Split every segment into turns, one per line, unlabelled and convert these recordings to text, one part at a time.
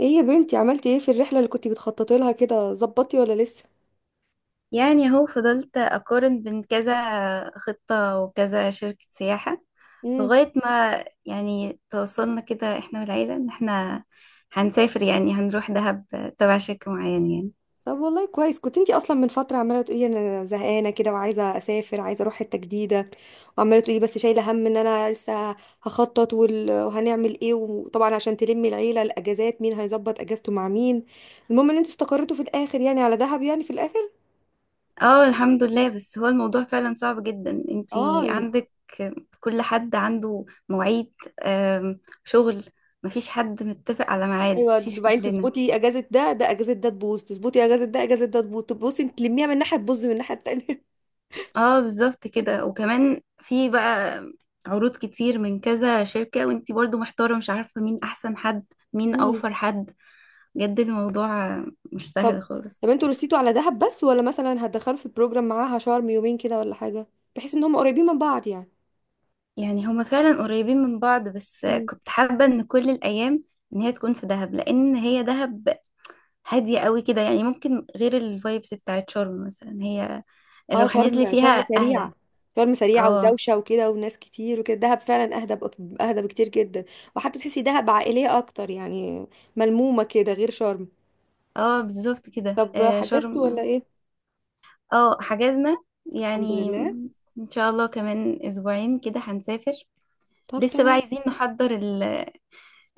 ايه يا بنتي، عملتي ايه في الرحله اللي كنتي بتخططي لها كده؟ ظبطتي ولا لسه؟
يعني هو فضلت أقارن بين كذا خطة وكذا شركة سياحة،
امم
لغاية ما يعني توصلنا كده احنا والعيلة ان احنا هنسافر يعني هنروح دهب تبع شركة معينة يعني.
طب والله كويس. كنت انتي اصلا من فتره عماله تقولي انا زهقانه كده وعايزه اسافر، عايزه اروح حته جديده. وعماله تقولي بس شايله هم ان انا لسه هخطط، وهنعمل ايه، وطبعا عشان تلمي العيله الاجازات مين هيظبط اجازته مع مين. المهم ان انتوا استقرتوا في الاخر يعني على دهب يعني في الاخر.
اه الحمد لله. بس هو الموضوع فعلا صعب جدا.
اه
انتي عندك كل حد عنده مواعيد، آم، شغل. مفيش حد متفق على ميعاد،
ايوه.
مفيش
وبعدين
كلنا.
تظبطي اجازه ده اجازه ده تبوظ، تظبطي اجازه ده اجازه ده تبوظ، تبوظي تلميها من ناحيه تبوظ من الناحيه التانيه.
اه بالظبط كده. وكمان في بقى عروض كتير من كذا شركة، وانتي برضو محتارة مش عارفة مين احسن حد، مين
مم.
اوفر حد. بجد الموضوع مش
طب.
سهل خالص.
طب انتوا رسيتوا على دهب بس؟ ولا مثلا هتدخلوا في البروجرام معاها شرم يومين كده ولا حاجة؟ بحيث ان هم قريبين من بعض يعني.
يعني هما فعلا قريبين من بعض، بس
مم.
كنت حابة ان كل الايام ان هي تكون في دهب، لان هي دهب هادية قوي كده يعني، ممكن غير الفايبس بتاعت شرم مثلا. هي
اه
الروحانيات اللي
شرم
فيها اهدى.
سريعة. شرم سريعة
اه
ودوشة وكده وناس كتير وكده، دهب فعلا اهدى اهدى بكتير جدا. وحتى تحسي دهب عائلية اكتر يعني، ملمومة كده غير شرم.
اه بالظبط كده.
طب حجزتوا ولا
شرم.
ايه؟
اه حجزنا
الحمد
يعني.
لله.
ان شاء الله كمان 2 اسبوعين كده هنسافر.
طب
لسه بقى
تمام.
عايزين نحضر ال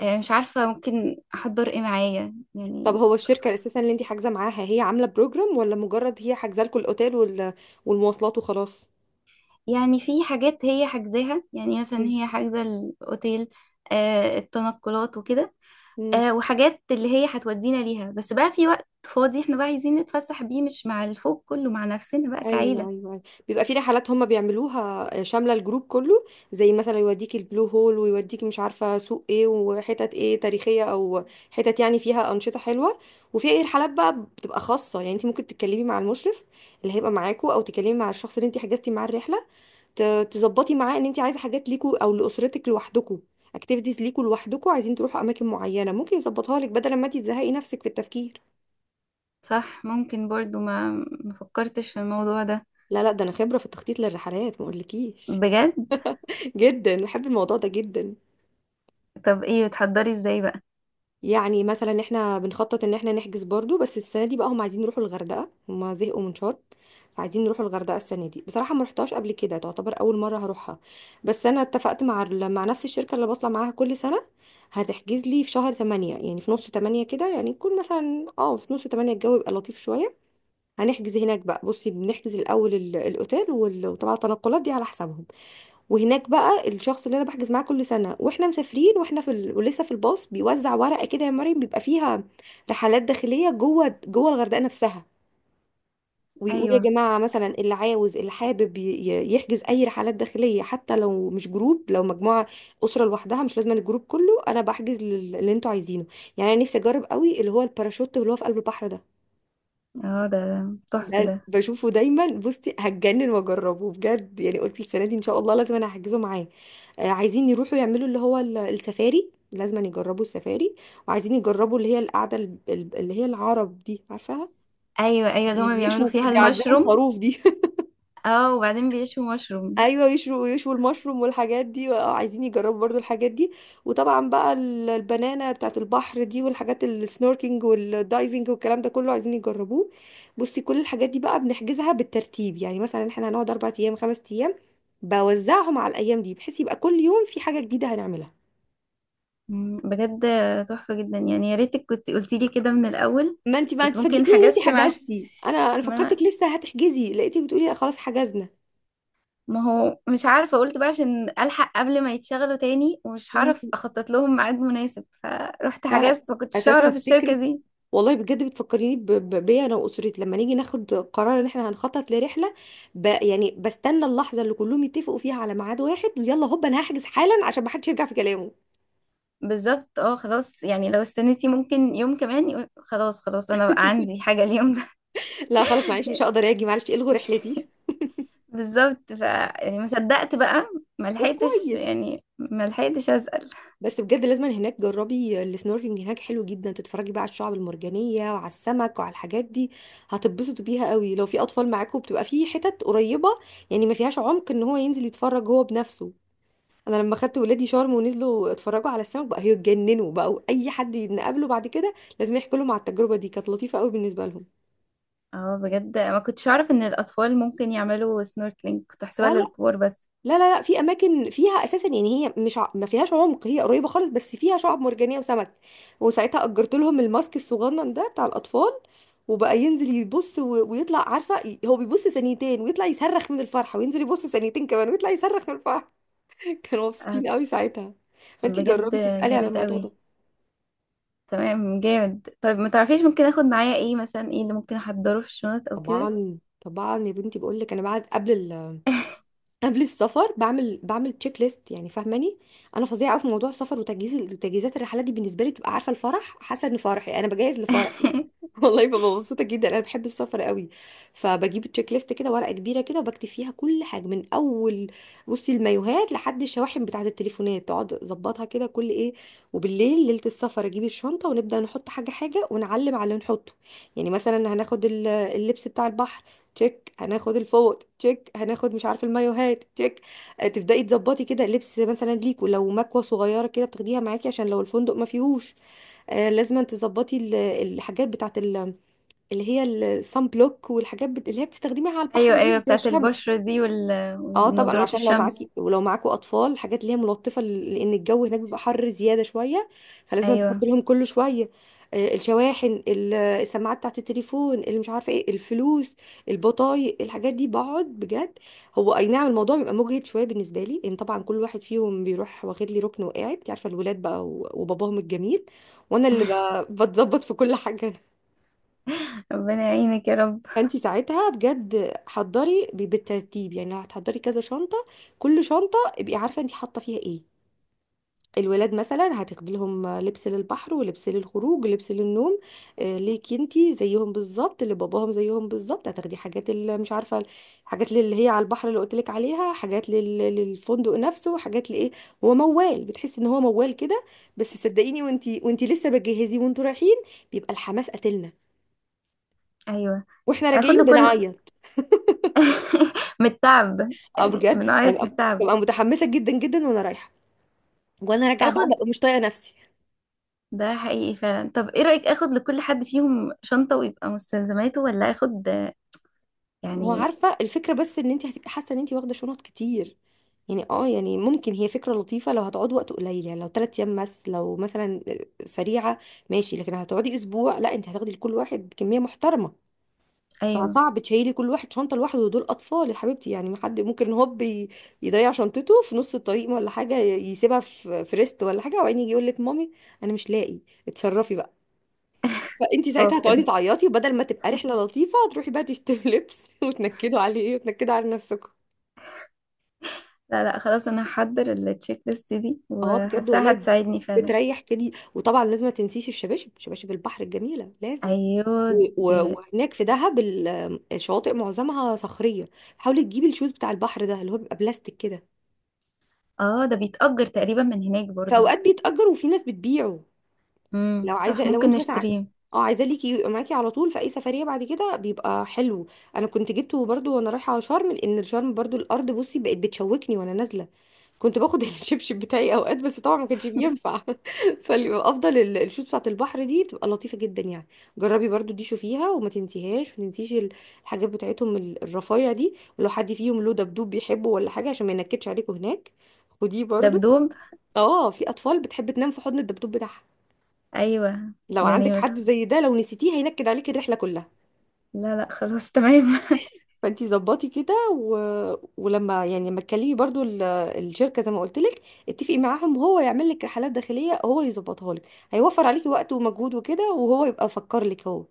آه، مش عارفة ممكن احضر ايه معايا
طب
يعني.
هو الشركة اساسا اللي انت حاجزة معاها هي عاملة بروجرام؟ ولا مجرد هي حاجزة لكم الاوتيل والمواصلات وخلاص؟
يعني في حاجات هي حاجزاها، يعني مثلا هي حاجزة الاوتيل، التنقلات وكده.
مم.
وحاجات اللي هي هتودينا ليها، بس بقى في وقت فاضي احنا بقى عايزين نتفسح بيه، مش مع الفوق كله، مع نفسنا بقى كعيلة.
ايوه، ايوه، أيوة. بيبقى في رحلات هم بيعملوها، شامله الجروب كله. زي مثلا يوديك البلو هول، ويوديك مش عارفه سوق ايه وحتت ايه تاريخيه، او حتت يعني فيها انشطه حلوه. وفي اي رحلات بقى بتبقى خاصه يعني، انت ممكن تتكلمي مع المشرف اللي هيبقى معاكوا، او تكلمي مع الشخص اللي انت حجزتي معاه الرحله، تظبطي معاه ان انت عايزه حاجات ليكوا او لاسرتك لوحدكوا، اكتيفيتيز ليكوا لوحدكوا، عايزين تروحوا اماكن معينه ممكن يظبطها لك، بدل ما انت تزهقي نفسك في التفكير.
صح. ممكن برضو ما فكرتش في الموضوع ده.
لا لا، ده انا خبره في التخطيط للرحلات ما اقولكيش.
بجد.
جدا بحب الموضوع ده جدا.
طب ايه بتحضري ازاي بقى؟
يعني مثلا احنا بنخطط ان احنا نحجز برضو، بس السنه دي بقى هم عايزين يروحوا الغردقه، هم زهقوا من شرم، فعايزين نروحوا الغردقه السنه دي. بصراحه ما رحتهاش قبل كده، تعتبر اول مره هروحها. بس انا اتفقت مع مع نفس الشركه اللي بطلع معاها كل سنه، هتحجز لي في شهر 8 يعني في نص 8 كده، يعني يكون مثلا اه في نص 8 الجو يبقى لطيف شويه. هنحجز هناك بقى، بصي بنحجز الاول الاوتيل وطبعا التنقلات دي على حسابهم. وهناك بقى الشخص اللي انا بحجز معاه كل سنه، واحنا مسافرين واحنا في ال... ولسه في الباص، بيوزع ورقه كده يا مريم، بيبقى فيها رحلات داخليه جوه جوه الغردقه نفسها. ويقول يا
ايوه.
جماعه مثلا، اللي عاوز اللي حابب يحجز اي رحلات داخليه حتى لو مش جروب، لو مجموعه، اسره لوحدها، مش لازم الجروب كله، انا بحجز اللي انتوا عايزينه. يعني انا نفسي اجرب قوي اللي هو الباراشوت اللي هو في قلب البحر ده.
اه، ده تحفة
ده
ده.
بشوفه دايما بصي هتجنن، واجربه بجد، يعني قلت السنه دي ان شاء الله لازم انا هحجزه معاه. عايزين يروحوا يعملوا اللي هو السفاري، لازم يجربوا السفاري. وعايزين يجربوا اللي هي القعده اللي هي العرب دي عارفاها،
ايوه ايوه، اللي هما بيعملوا
بيشوا فيه
فيها
بيعزموا
المشروم.
الخروف دي.
اه، وبعدين بيشوا مشروم.
ايوه يشوا يشوا المشروم والحاجات دي. عايزين يجربوا برضو الحاجات دي. وطبعا بقى البنانه بتاعت البحر دي، والحاجات السنوركينج والدايفنج والكلام ده كله عايزين يجربوه. بصي، كل الحاجات دي بقى بنحجزها بالترتيب، يعني مثلا احنا هنقعد 4 ايام 5 ايام، بوزعهم على الايام دي، بحيث يبقى كل يوم في حاجه جديده هنعملها.
بجد تحفة جدا يعني. يا ريتك كنت قلتي لي كده من الاول.
ما انت بقى
كنت
انت
ممكن
فاجئتيني ان
هجسم
انت
عشان
حجزتي، انا
ما
فكرتك لسه هتحجزي، لقيتك بتقولي لا خلاص حجزنا.
ما هو مش عارفة. قلت بقى عشان الحق قبل ما يتشغلوا تاني ومش
مم.
هعرف اخطط لهم ميعاد مناسب، فرحت
لا لا.
حجزت، ما كنتش
اساسا
اعرف الشركة
فكره
دي.
والله بجد، بتفكريني بيا انا واسرتي لما نيجي ناخد قرار ان احنا هنخطط لرحله، ب يعني بستنى اللحظه اللي كلهم يتفقوا فيها على ميعاد واحد، ويلا هوب انا هحجز حالا عشان ما حدش يرجع في كلامه.
بالظبط. اه خلاص. يعني لو استنيتي ممكن يوم كمان يقول خلاص خلاص انا بقى عندي حاجة اليوم.
لا خلاص، معلش
ده
مش هقدر اجي، معلش الغوا رحلتي.
بالظبط. يعني ما صدقت بقى. ما
طب
لحقتش،
كويس.
يعني ما لحقتش اسال.
بس بجد لازم هناك جربي السنوركلينج، هناك حلو جدا، تتفرجي بقى على الشعب المرجانيه وعلى السمك وعلى الحاجات دي. هتتبسطوا بيها قوي، لو في اطفال معاكم بتبقى في حتت قريبه يعني ما فيهاش عمق، ان هو ينزل يتفرج هو بنفسه. انا لما خدت ولادي شرم ونزلوا اتفرجوا على السمك بقى هيتجننوا، بقى اي حد نقابله بعد كده لازم يحكي لهم على التجربه دي، كانت لطيفه قوي بالنسبه لهم.
اه بجد، ما كنتش اعرف ان الاطفال ممكن يعملوا سنوركلينج، كنت
اه.
احسبها للكبار بس.
لا لا لا لا، في اماكن فيها اساسا يعني هي مش ع... ما فيهاش عمق، هي قريبه خالص، بس فيها شعب مرجانيه وسمك، وساعتها اجرت لهم الماسك الصغنن ده بتاع الاطفال، وبقى ينزل يبص و... ويطلع عارفه، هو بيبص ثانيتين ويطلع يصرخ من الفرحه، وينزل يبص ثانيتين كمان ويطلع يصرخ من الفرحه. كانوا
آه،
مبسوطين قوي ساعتها. فانت
بجد
جربي تسالي على
جامد
الموضوع
قوي.
ده.
تمام، جامد. طيب، ما تعرفيش ممكن اخد معايا ايه مثلا؟ ايه اللي ممكن احضره في الشنط او كده؟
طبعا طبعا يا بنتي، بقول لك انا بعد قبل ال... قبل السفر بعمل تشيك ليست، يعني فاهماني. انا فظيعه قوي في موضوع السفر وتجهيز وتجهيزات الرحلات دي، بالنسبه لي بتبقى عارفه الفرح، حاسه ان فرحي انا بجهز لفرح. والله ببقى مبسوطه جدا، انا بحب السفر قوي. فبجيب تشيك ليست كده ورقه كبيره كده وبكتب فيها كل حاجه من اول، بصي، المايوهات لحد الشواحن بتاعه التليفونات، اقعد اظبطها كده كل ايه. وبالليل ليله السفر اجيب الشنطه ونبدا نحط حاجه حاجه، ونعلم على اللي نحطه. يعني مثلا هناخد اللبس بتاع البحر، تشيك. هناخد الفوط، تشيك. هناخد مش عارفه المايوهات، تشيك. تبداي تظبطي كده اللبس مثلا ليكوا، لو مكوه صغيره كده بتاخديها معاكي عشان لو الفندق ما فيهوش. لازم تظبطي الحاجات بتاعه اللي هي الصن بلوك، اللي هي بتستخدميها على البحر
ايوه
دي
ايوه،
عشان
بتاعت
الشمس.
البشرة دي
اه طبعا.
والنضارات
وعشان لو
الشمس.
معاكي ولو معاكوا اطفال، الحاجات اللي هي ملطفه، لان الجو هناك بيبقى حر زياده شويه، فلازم تحط
ايوه.
لهم كل شويه. الشواحن، السماعات بتاعت التليفون، اللي مش عارفه ايه، الفلوس، البطايق، الحاجات دي بقعد بجد. هو اي نعم الموضوع بيبقى مجهد شويه بالنسبه لي، ان طبعا كل واحد فيهم بيروح واخد لي ركن وقاعد انت عارفه الولاد بقى وباباهم الجميل، وانا اللي بتظبط في كل حاجه.
ربنا يعينك يا رب.
فانت ساعتها بجد حضري بالترتيب، يعني لو هتحضري كذا شنطه، كل شنطه ابقي عارفه انت حاطه فيها ايه. الولاد مثلا هتاخدي لهم لبس للبحر ولبس للخروج ولبس للنوم. ليكي انت زيهم بالظبط، اللي باباهم زيهم بالظبط، هتاخدي حاجات اللي مش عارفه، حاجات اللي هي على البحر اللي قلت لك عليها، حاجات للفندق نفسه، حاجات لايه. هو موال، بتحسي ان هو موال كده، بس صدقيني وانت لسه بتجهزي وانتوا رايحين بيبقى الحماس قاتلنا،
ايوه.
واحنا
اخد
راجعين
له كل
بنعيط.
من التعب.
اه
يعني
بجد
بنعيط من
هبقى،
التعب.
ببقى متحمسه جدا جدا وانا رايحه، وانا راجعه بقى
اخد
ببقى مش طايقه نفسي.
ده حقيقي فعلا. طب ايه رأيك اخد لكل حد فيهم شنطة ويبقى مستلزماته، ولا اخد
ما هو
يعني؟
عارفه الفكره، بس ان انت هتبقي حاسه ان انت واخده شنط كتير. يعني اه يعني ممكن هي فكره لطيفه لو هتقعد وقت قليل، يعني لو 3 ايام بس، لو مثلا سريعه، ماشي. لكن هتقعدي اسبوع لا، انت هتاخدي لكل واحد كميه محترمه،
ايوه.
فصعب تشيلي كل واحد شنطه لوحده، ودول اطفال يا حبيبتي يعني، ما حد ممكن هوب يضيع شنطته في نص الطريق ولا حاجه، يسيبها في ريست ولا حاجه، وبعدين يجي يقول لك مامي انا مش لاقي، اتصرفي. فانت ساعتها
خلاص
هتقعدي
كده.
تعيطي، بدل ما تبقى رحله لطيفه هتروحي بقى تشتري لبس، وتنكدوا عليه وتنكدوا على نفسكم.
لا لا خلاص، انا هحضر التشيك ليست دي
اه بجد
وحاساها
والله.
هتساعدني فعلا.
بتريح كده. وطبعا لازم ما تنسيش الشباشب، شباشب البحر الجميله لازم.
ايوه دي.
وهناك في دهب الشواطئ معظمها صخريه، حاولي تجيبي الشوز بتاع البحر ده اللي هو بيبقى بلاستيك كده.
اه، ده بيتأجر تقريبا من هناك
في
برضو.
اوقات بيتأجر وفي ناس بتبيعه. لو
صح
عايزه، لو
ممكن
انت مثلا
نشتريه.
اه عايزاه ليكي يبقى معاكي على طول في اي سفريه بعد كده، بيبقى حلو. انا كنت جبته برضو وانا رايحه شرم، لان شرم برضو الارض بصي بقت بتشوكني وانا نازله، كنت باخد الشبشب بتاعي اوقات بس طبعا ما كانش بينفع. فالافضل الشوز بتاعت البحر دي بتبقى لطيفه جدا يعني. جربي برضو دي، شوفيها وما تنسيهاش. ما تنسيش الحاجات بتاعتهم الرفايع دي، ولو حد فيهم له دبدوب بيحبه ولا حاجه عشان ما ينكدش عليكوا هناك، ودي برضو.
دبدوب.
اه في اطفال بتحب تنام في حضن الدبدوب بتاعها،
ايوه.
لو عندك
يعني
حد
مفتوح.
زي ده لو نسيتيه هينكد عليك الرحله كلها.
لا لا خلاص تمام.
فانتي ظبطي كده و... ولما يعني لما تكلمي برضو الشركه زي ما قلت لك، اتفقي معاهم هو يعمل لك رحلات داخليه، هو يظبطها لك، هيوفر عليكي وقت ومجهود وكده، وهو يبقى فكر لك هو.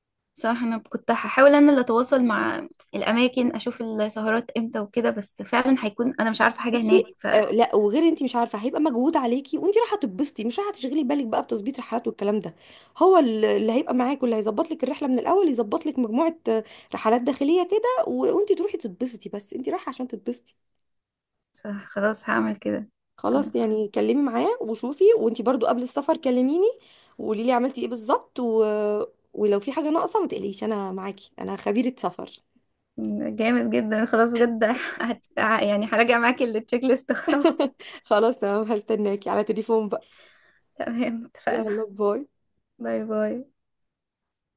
صح، انا كنت هحاول انا اللي اتواصل مع الاماكن، اشوف السهرات امتى وكده، بس فعلا هيكون انا مش عارفه حاجه هناك.
بصي آه، لا وغير انت مش عارفه، هيبقى مجهود عليكي وانت رايحه تتبسطي مش رايحه تشغلي بالك بقى بتظبيط رحلات والكلام ده. هو اللي هيبقى معاك واللي هيظبط لك الرحله من الاول، يظبط لك مجموعه، رحلات داخليه كده و... وانت تروحي تتبسطي، بس انت رايحه عشان تتبسطي.
صح خلاص هعمل كده. تمام.
خلاص. يعني كلمي معاه وشوفي، وانتي برضو قبل السفر كلميني، وقولي لي عملتي ايه بالظبط و... ولو في حاجة ناقصة ما تقلقيش، انا معاكي انا خبيرة سفر.
جامد جدا. خلاص بجد هت... يعني هراجع معاكي التشيك ليست. خلاص
خلاص تمام، هستناكي على تليفون بقى.
تمام اتفقنا.
يلا باي.
باي باي.